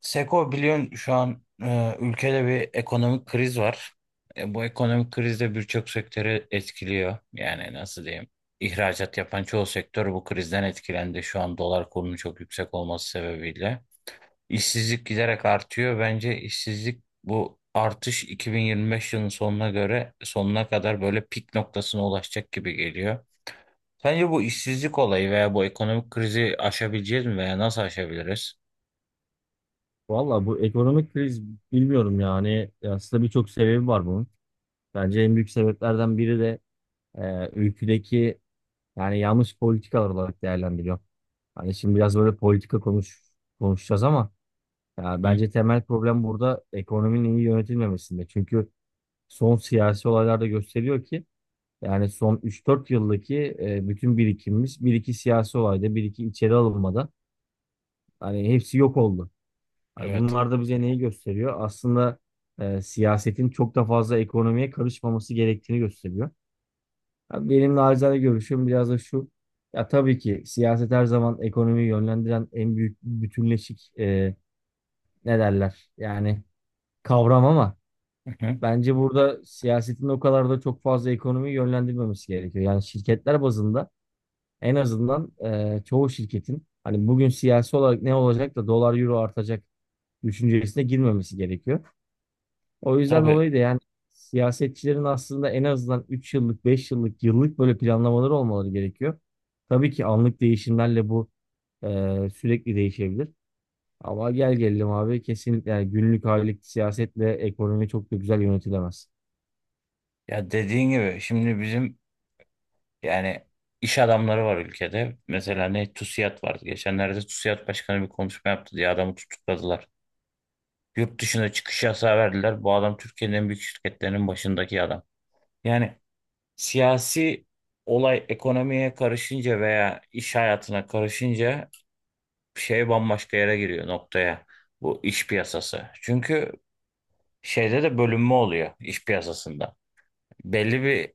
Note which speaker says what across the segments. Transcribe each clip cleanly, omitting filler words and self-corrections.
Speaker 1: Seko biliyorsun şu an ülkede bir ekonomik kriz var. Bu ekonomik kriz de birçok sektörü etkiliyor. Yani nasıl diyeyim? İhracat yapan çoğu sektör bu krizden etkilendi. Şu an dolar kurunun çok yüksek olması sebebiyle. İşsizlik giderek artıyor. Bence işsizlik bu artış 2025 yılının sonuna göre sonuna kadar böyle pik noktasına ulaşacak gibi geliyor. Sence bu işsizlik olayı veya bu ekonomik krizi aşabileceğiz mi veya nasıl aşabiliriz?
Speaker 2: Valla bu ekonomik kriz bilmiyorum yani aslında birçok sebebi var bunun. Bence en büyük sebeplerden biri de ülkedeki yani yanlış politikalar olarak değerlendiriyor. Hani şimdi biraz böyle politika konuşacağız ama ya
Speaker 1: Hı?
Speaker 2: bence temel problem burada ekonominin iyi yönetilmemesinde. Çünkü son siyasi olaylarda gösteriyor ki yani son üç dört yıldaki bütün birikimimiz bir iki siyasi olayda bir iki içeri alınmada hani hepsi yok oldu. Hani
Speaker 1: Evet.
Speaker 2: bunlar da bize neyi gösteriyor? Aslında siyasetin çok da fazla ekonomiye karışmaması gerektiğini gösteriyor. Abi benim naçizane görüşüm biraz da şu. Ya tabii ki siyaset her zaman ekonomiyi yönlendiren en büyük bütünleşik ne derler? Yani kavram ama
Speaker 1: Hı hı.
Speaker 2: bence burada siyasetin o kadar da çok fazla ekonomiyi yönlendirmemesi gerekiyor. Yani şirketler bazında en azından çoğu şirketin hani bugün siyasi olarak ne olacak da dolar euro artacak düşüncesine girmemesi gerekiyor. O yüzden
Speaker 1: Tabii.
Speaker 2: dolayı da yani siyasetçilerin aslında en azından 3 yıllık, 5 yıllık, yıllık böyle planlamaları olmaları gerekiyor. Tabii ki anlık değişimlerle bu e, sürekli değişebilir. Ama gel gelelim abi kesinlikle yani günlük aylık siyasetle ekonomi çok da güzel yönetilemez.
Speaker 1: Ya dediğin gibi şimdi bizim, yani, iş adamları var ülkede. Mesela ne TUSİAD vardı. Geçenlerde TUSİAD başkanı bir konuşma yaptı diye adamı tutukladılar. Yurt dışına çıkış yasağı verdiler. Bu adam Türkiye'nin en büyük şirketlerinin başındaki adam. Yani siyasi olay ekonomiye karışınca veya iş hayatına karışınca şey bambaşka yere giriyor noktaya. Bu iş piyasası. Çünkü şeyde de bölünme oluyor iş piyasasında. Belli bir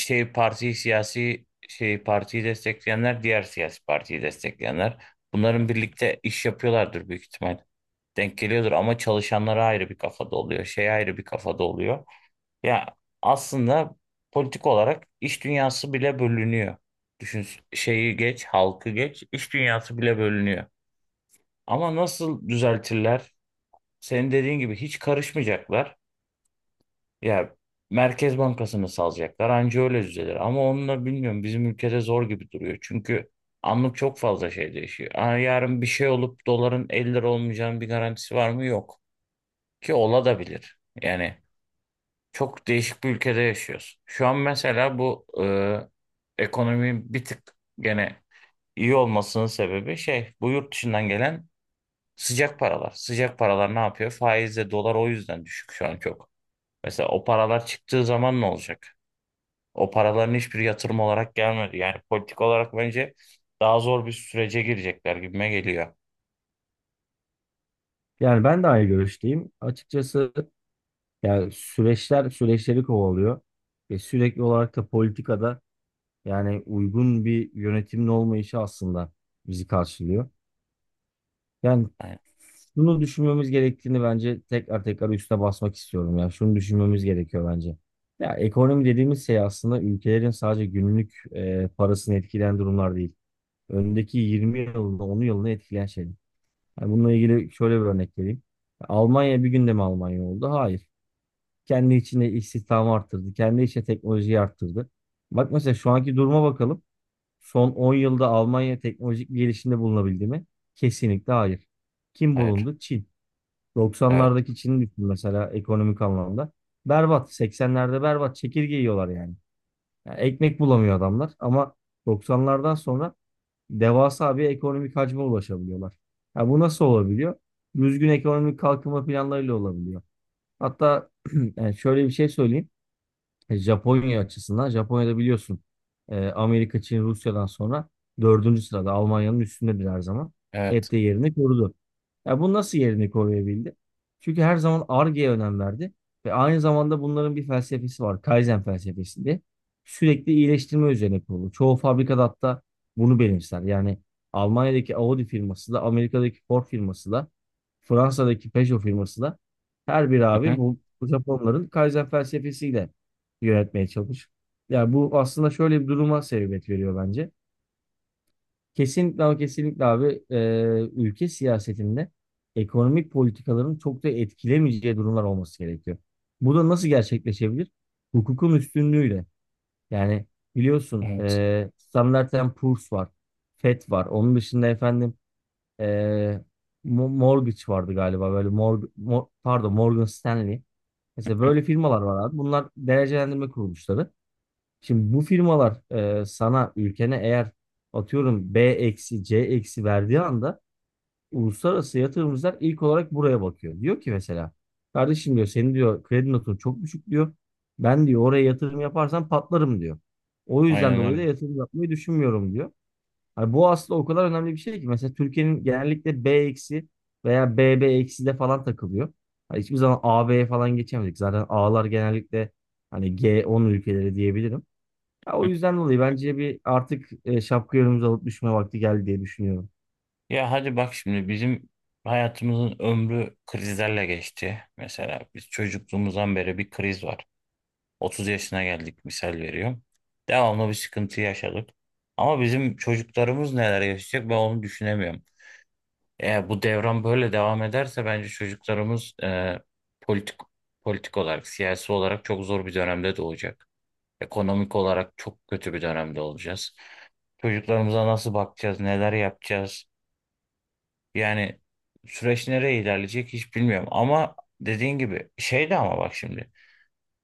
Speaker 1: şey parti siyasi şey partiyi destekleyenler diğer siyasi partiyi destekleyenler bunların birlikte iş yapıyorlardır büyük ihtimal. Denk geliyordur ama çalışanlara ayrı bir kafada oluyor. Şey ayrı bir kafada oluyor. Ya aslında politik olarak iş dünyası bile bölünüyor. Düşün şeyi geç, halkı geç, iş dünyası bile bölünüyor. Ama nasıl düzeltirler? Senin dediğin gibi hiç karışmayacaklar. Ya Merkez Bankası'nı salacaklar anca öyle düzelir. Ama onunla bilmiyorum bizim ülkede zor gibi duruyor. Çünkü anlık çok fazla şey değişiyor. Aa, yarın bir şey olup doların 50 lira olmayacağının bir garantisi var mı? Yok. Ki ola da bilir. Yani çok değişik bir ülkede yaşıyoruz. Şu an mesela bu ekonominin bir tık gene iyi olmasının sebebi şey bu yurt dışından gelen sıcak paralar. Sıcak paralar ne yapıyor? Faizle dolar o yüzden düşük şu an çok. Mesela o paralar çıktığı zaman ne olacak? O paraların hiçbiri yatırım olarak gelmedi. Yani politik olarak bence daha zor bir sürece girecekler gibime geliyor.
Speaker 2: Yani ben de aynı görüşteyim. Açıkçası yani süreçler süreçleri kovalıyor. Ve sürekli olarak da politikada yani uygun bir yönetimin olmayışı aslında bizi karşılıyor. Yani
Speaker 1: Hayır.
Speaker 2: bunu düşünmemiz gerektiğini bence tekrar tekrar üstüne basmak istiyorum ya. Şunu düşünmemiz gerekiyor bence. Ya ekonomi dediğimiz şey aslında ülkelerin sadece günlük parasını etkileyen durumlar değil. Öndeki 20 yılını, 10 yılını etkileyen şeyler. Yani bununla ilgili şöyle bir örnek vereyim. Almanya bir günde mi Almanya oldu? Hayır. Kendi içinde istihdamı arttırdı. Kendi içinde teknolojiyi arttırdı. Bak mesela şu anki duruma bakalım. Son 10 yılda Almanya teknolojik bir gelişimde bulunabildi mi? Kesinlikle hayır. Kim
Speaker 1: Hayır.
Speaker 2: bulundu? Çin.
Speaker 1: Evet.
Speaker 2: 90'lardaki Çin'i düşün mesela ekonomik anlamda. Berbat. 80'lerde berbat. Çekirge yiyorlar yani. Yani ekmek bulamıyor adamlar ama 90'lardan sonra devasa bir ekonomik hacme ulaşabiliyorlar. Ya bu nasıl olabiliyor? Düzgün ekonomik kalkınma planlarıyla olabiliyor. Hatta yani şöyle bir şey söyleyeyim. Japonya açısından Japonya'da biliyorsun Amerika, Çin, Rusya'dan sonra dördüncü sırada Almanya'nın üstündedir her zaman. Hep
Speaker 1: Evet.
Speaker 2: de yerini korudu. Ya bu nasıl yerini koruyabildi? Çünkü her zaman Ar-Ge'ye önem verdi ve aynı zamanda bunların bir felsefesi var. Kaizen felsefesi diye. Sürekli iyileştirme üzerine kurulu. Çoğu fabrikada hatta bunu benimser. Yani Almanya'daki Audi firması da, Amerika'daki Ford firması da, Fransa'daki Peugeot firması da her bir
Speaker 1: Hı
Speaker 2: abi
Speaker 1: hı.
Speaker 2: bu Japonların Kaizen felsefesiyle yönetmeye çalış. Ya bu aslında şöyle bir duruma sebebiyet veriyor bence. Kesinlikle ama kesinlikle abi ülke siyasetinde ekonomik politikaların çok da etkilemeyeceği durumlar olması gerekiyor. Bu da nasıl gerçekleşebilir? Hukukun üstünlüğüyle. Yani biliyorsun
Speaker 1: Evet.
Speaker 2: Standard and Poor's var. FED var. Onun dışında efendim e, Mortgage vardı galiba böyle Mor Mo- pardon Morgan Stanley. Mesela
Speaker 1: Hı.
Speaker 2: böyle firmalar var abi. Bunlar derecelendirme kuruluşları. Şimdi bu firmalar sana ülkene eğer atıyorum B eksi C eksi verdiği anda uluslararası yatırımcılar ilk olarak buraya bakıyor. Diyor ki mesela kardeşim diyor senin diyor kredi notun çok düşük diyor. Ben diyor oraya yatırım yaparsam patlarım diyor. O yüzden
Speaker 1: Aynen
Speaker 2: dolayı da
Speaker 1: öyle.
Speaker 2: yatırım yapmayı düşünmüyorum diyor. Hani bu aslında o kadar önemli bir şey ki mesela Türkiye'nin genellikle B eksi veya B eksi de falan takılıyor. Hani hiçbir zaman AB'ye falan geçemedik. Zaten A'lar genellikle hani G10 ülkeleri diyebilirim. Ya o
Speaker 1: Hı.
Speaker 2: yüzden dolayı bence bir artık şapka yorumumuzu alıp düşme vakti geldi diye düşünüyorum.
Speaker 1: Ya hadi bak şimdi bizim hayatımızın ömrü krizlerle geçti. Mesela biz çocukluğumuzdan beri bir kriz var. 30 yaşına geldik misal veriyorum. Devamlı bir sıkıntı yaşadık. Ama bizim çocuklarımız neler yaşayacak ben onu düşünemiyorum. Eğer bu devran böyle devam ederse bence çocuklarımız politik politik olarak, siyasi olarak çok zor bir dönemde doğacak. Ekonomik olarak çok kötü bir dönemde olacağız. Çocuklarımıza nasıl bakacağız, neler yapacağız? Yani süreç nereye ilerleyecek hiç bilmiyorum. Ama dediğin gibi şey de ama bak şimdi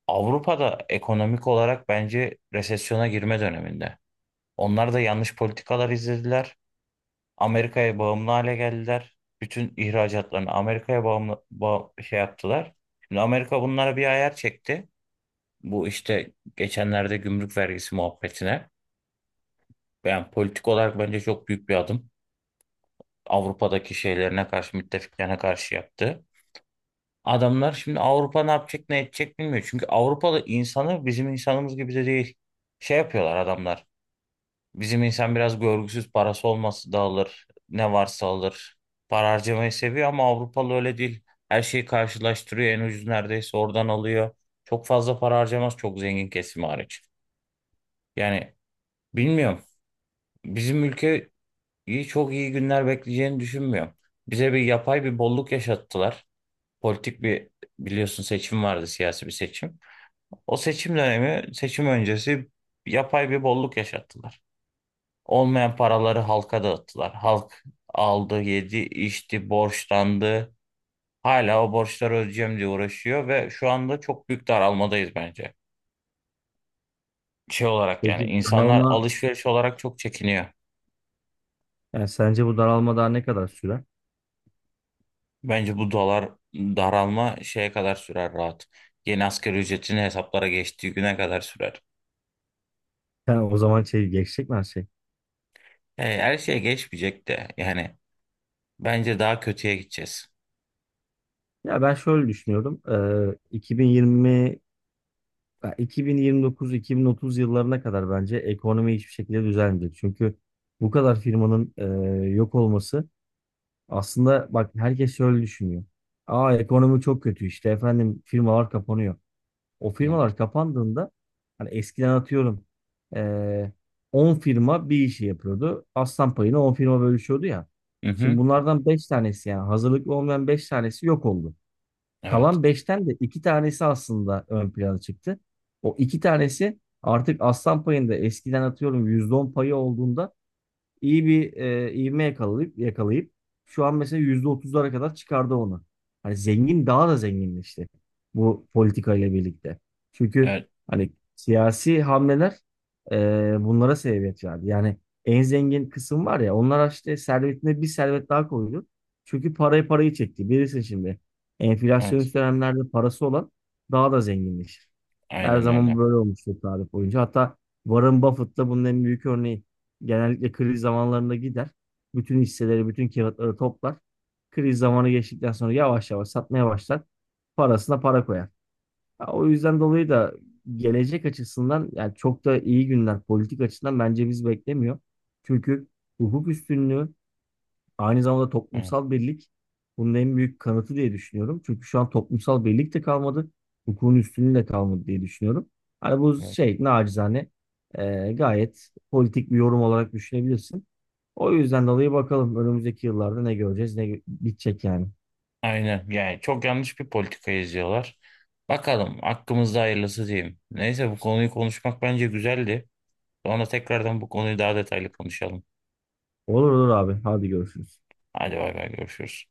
Speaker 1: Avrupa'da ekonomik olarak bence resesyona girme döneminde. Onlar da yanlış politikalar izlediler. Amerika'ya bağımlı hale geldiler. Bütün ihracatlarını Amerika'ya bağımlı şey yaptılar. Şimdi Amerika bunlara bir ayar çekti. Bu işte geçenlerde gümrük vergisi muhabbetine. Yani politik olarak bence çok büyük bir adım. Avrupa'daki şeylerine karşı, müttefiklerine karşı yaptı. Adamlar şimdi Avrupa ne yapacak, ne edecek bilmiyor. Çünkü Avrupalı insanı bizim insanımız gibi de değil. Şey yapıyorlar adamlar. Bizim insan biraz görgüsüz parası olması da alır. Ne varsa alır. Para harcamayı seviyor ama Avrupalı öyle değil. Her şeyi karşılaştırıyor. En ucuz neredeyse oradan alıyor. Çok fazla para harcamaz çok zengin kesimi hariç. Yani bilmiyorum. Bizim ülkeyi çok iyi günler bekleyeceğini düşünmüyorum. Bize bir yapay bir bolluk yaşattılar. Politik bir biliyorsun seçim vardı siyasi bir seçim. O seçim dönemi seçim öncesi yapay bir bolluk yaşattılar. Olmayan paraları halka dağıttılar. Halk aldı, yedi, içti, borçlandı. Hala o borçları ödeyeceğim diye uğraşıyor ve şu anda çok büyük daralmadayız bence. Şey olarak yani
Speaker 2: Peki bu
Speaker 1: insanlar
Speaker 2: daralma,
Speaker 1: alışveriş olarak çok çekiniyor.
Speaker 2: yani sence bu daralma daha ne kadar sürer?
Speaker 1: Bence bu dolar daralma şeye kadar sürer rahat. Yeni asgari ücretin hesaplara geçtiği güne kadar sürer.
Speaker 2: Yani o zaman şey geçecek mi her şey?
Speaker 1: Yani her şey geçmeyecek de yani bence daha kötüye gideceğiz.
Speaker 2: Ya ben şöyle düşünüyorum. 2020 ya 2029-2030 yıllarına kadar bence ekonomi hiçbir şekilde düzelmeyecek. Çünkü bu kadar firmanın yok olması aslında bak herkes şöyle düşünüyor. Aa ekonomi çok kötü işte efendim firmalar kapanıyor. O
Speaker 1: Evet.
Speaker 2: firmalar kapandığında hani eskiden atıyorum eee 10 firma bir işi yapıyordu. Aslan payını 10 firma bölüşüyordu ya. Şimdi
Speaker 1: Mhm.
Speaker 2: bunlardan 5 tanesi yani hazırlıklı olmayan 5 tanesi yok oldu.
Speaker 1: Evet.
Speaker 2: Kalan beşten de 2 tanesi aslında ön plana çıktı. O 2 tanesi artık aslan payında eskiden atıyorum %10 payı olduğunda iyi bir ivme yakalayıp şu an mesela %30'lara kadar çıkardı onu. Hani zengin daha da zenginleşti bu politikayla birlikte. Çünkü
Speaker 1: Evet.
Speaker 2: hani siyasi hamleler bunlara sebebiyet verdi. Yani en zengin kısım var ya onlar işte servetine bir servet daha koydu. Çünkü parayı çekti. Bilirsin şimdi
Speaker 1: Evet.
Speaker 2: enflasyonist dönemlerde parası olan daha da zenginleşir. Her
Speaker 1: Aynen
Speaker 2: zaman
Speaker 1: öyle.
Speaker 2: böyle olmuştur tarih boyunca. Hatta Warren Buffett da bunun en büyük örneği. Genellikle kriz zamanlarında gider. Bütün hisseleri, bütün kağıtları toplar. Kriz zamanı geçtikten sonra yavaş yavaş satmaya başlar. Parasına para koyar. Ya, o yüzden dolayı da gelecek açısından yani çok da iyi günler politik açıdan bence biz beklemiyor. Çünkü hukuk üstünlüğü aynı zamanda
Speaker 1: Evet.
Speaker 2: toplumsal birlik bunun en büyük kanıtı diye düşünüyorum. Çünkü şu an toplumsal birlik de kalmadı. Hukukun üstünlüğü de kalmadı diye düşünüyorum. Hani bu
Speaker 1: Evet.
Speaker 2: şey nacizane gayet politik bir yorum olarak düşünebilirsin. O yüzden dolayı bakalım önümüzdeki yıllarda ne göreceğiz ne bitecek yani.
Speaker 1: Aynen yani çok yanlış bir politika izliyorlar. Bakalım hakkımızda hayırlısı diyeyim. Neyse bu konuyu konuşmak bence güzeldi. Sonra tekrardan bu konuyu daha detaylı konuşalım.
Speaker 2: Olur olur abi hadi görüşürüz.
Speaker 1: Hadi bay bay görüşürüz.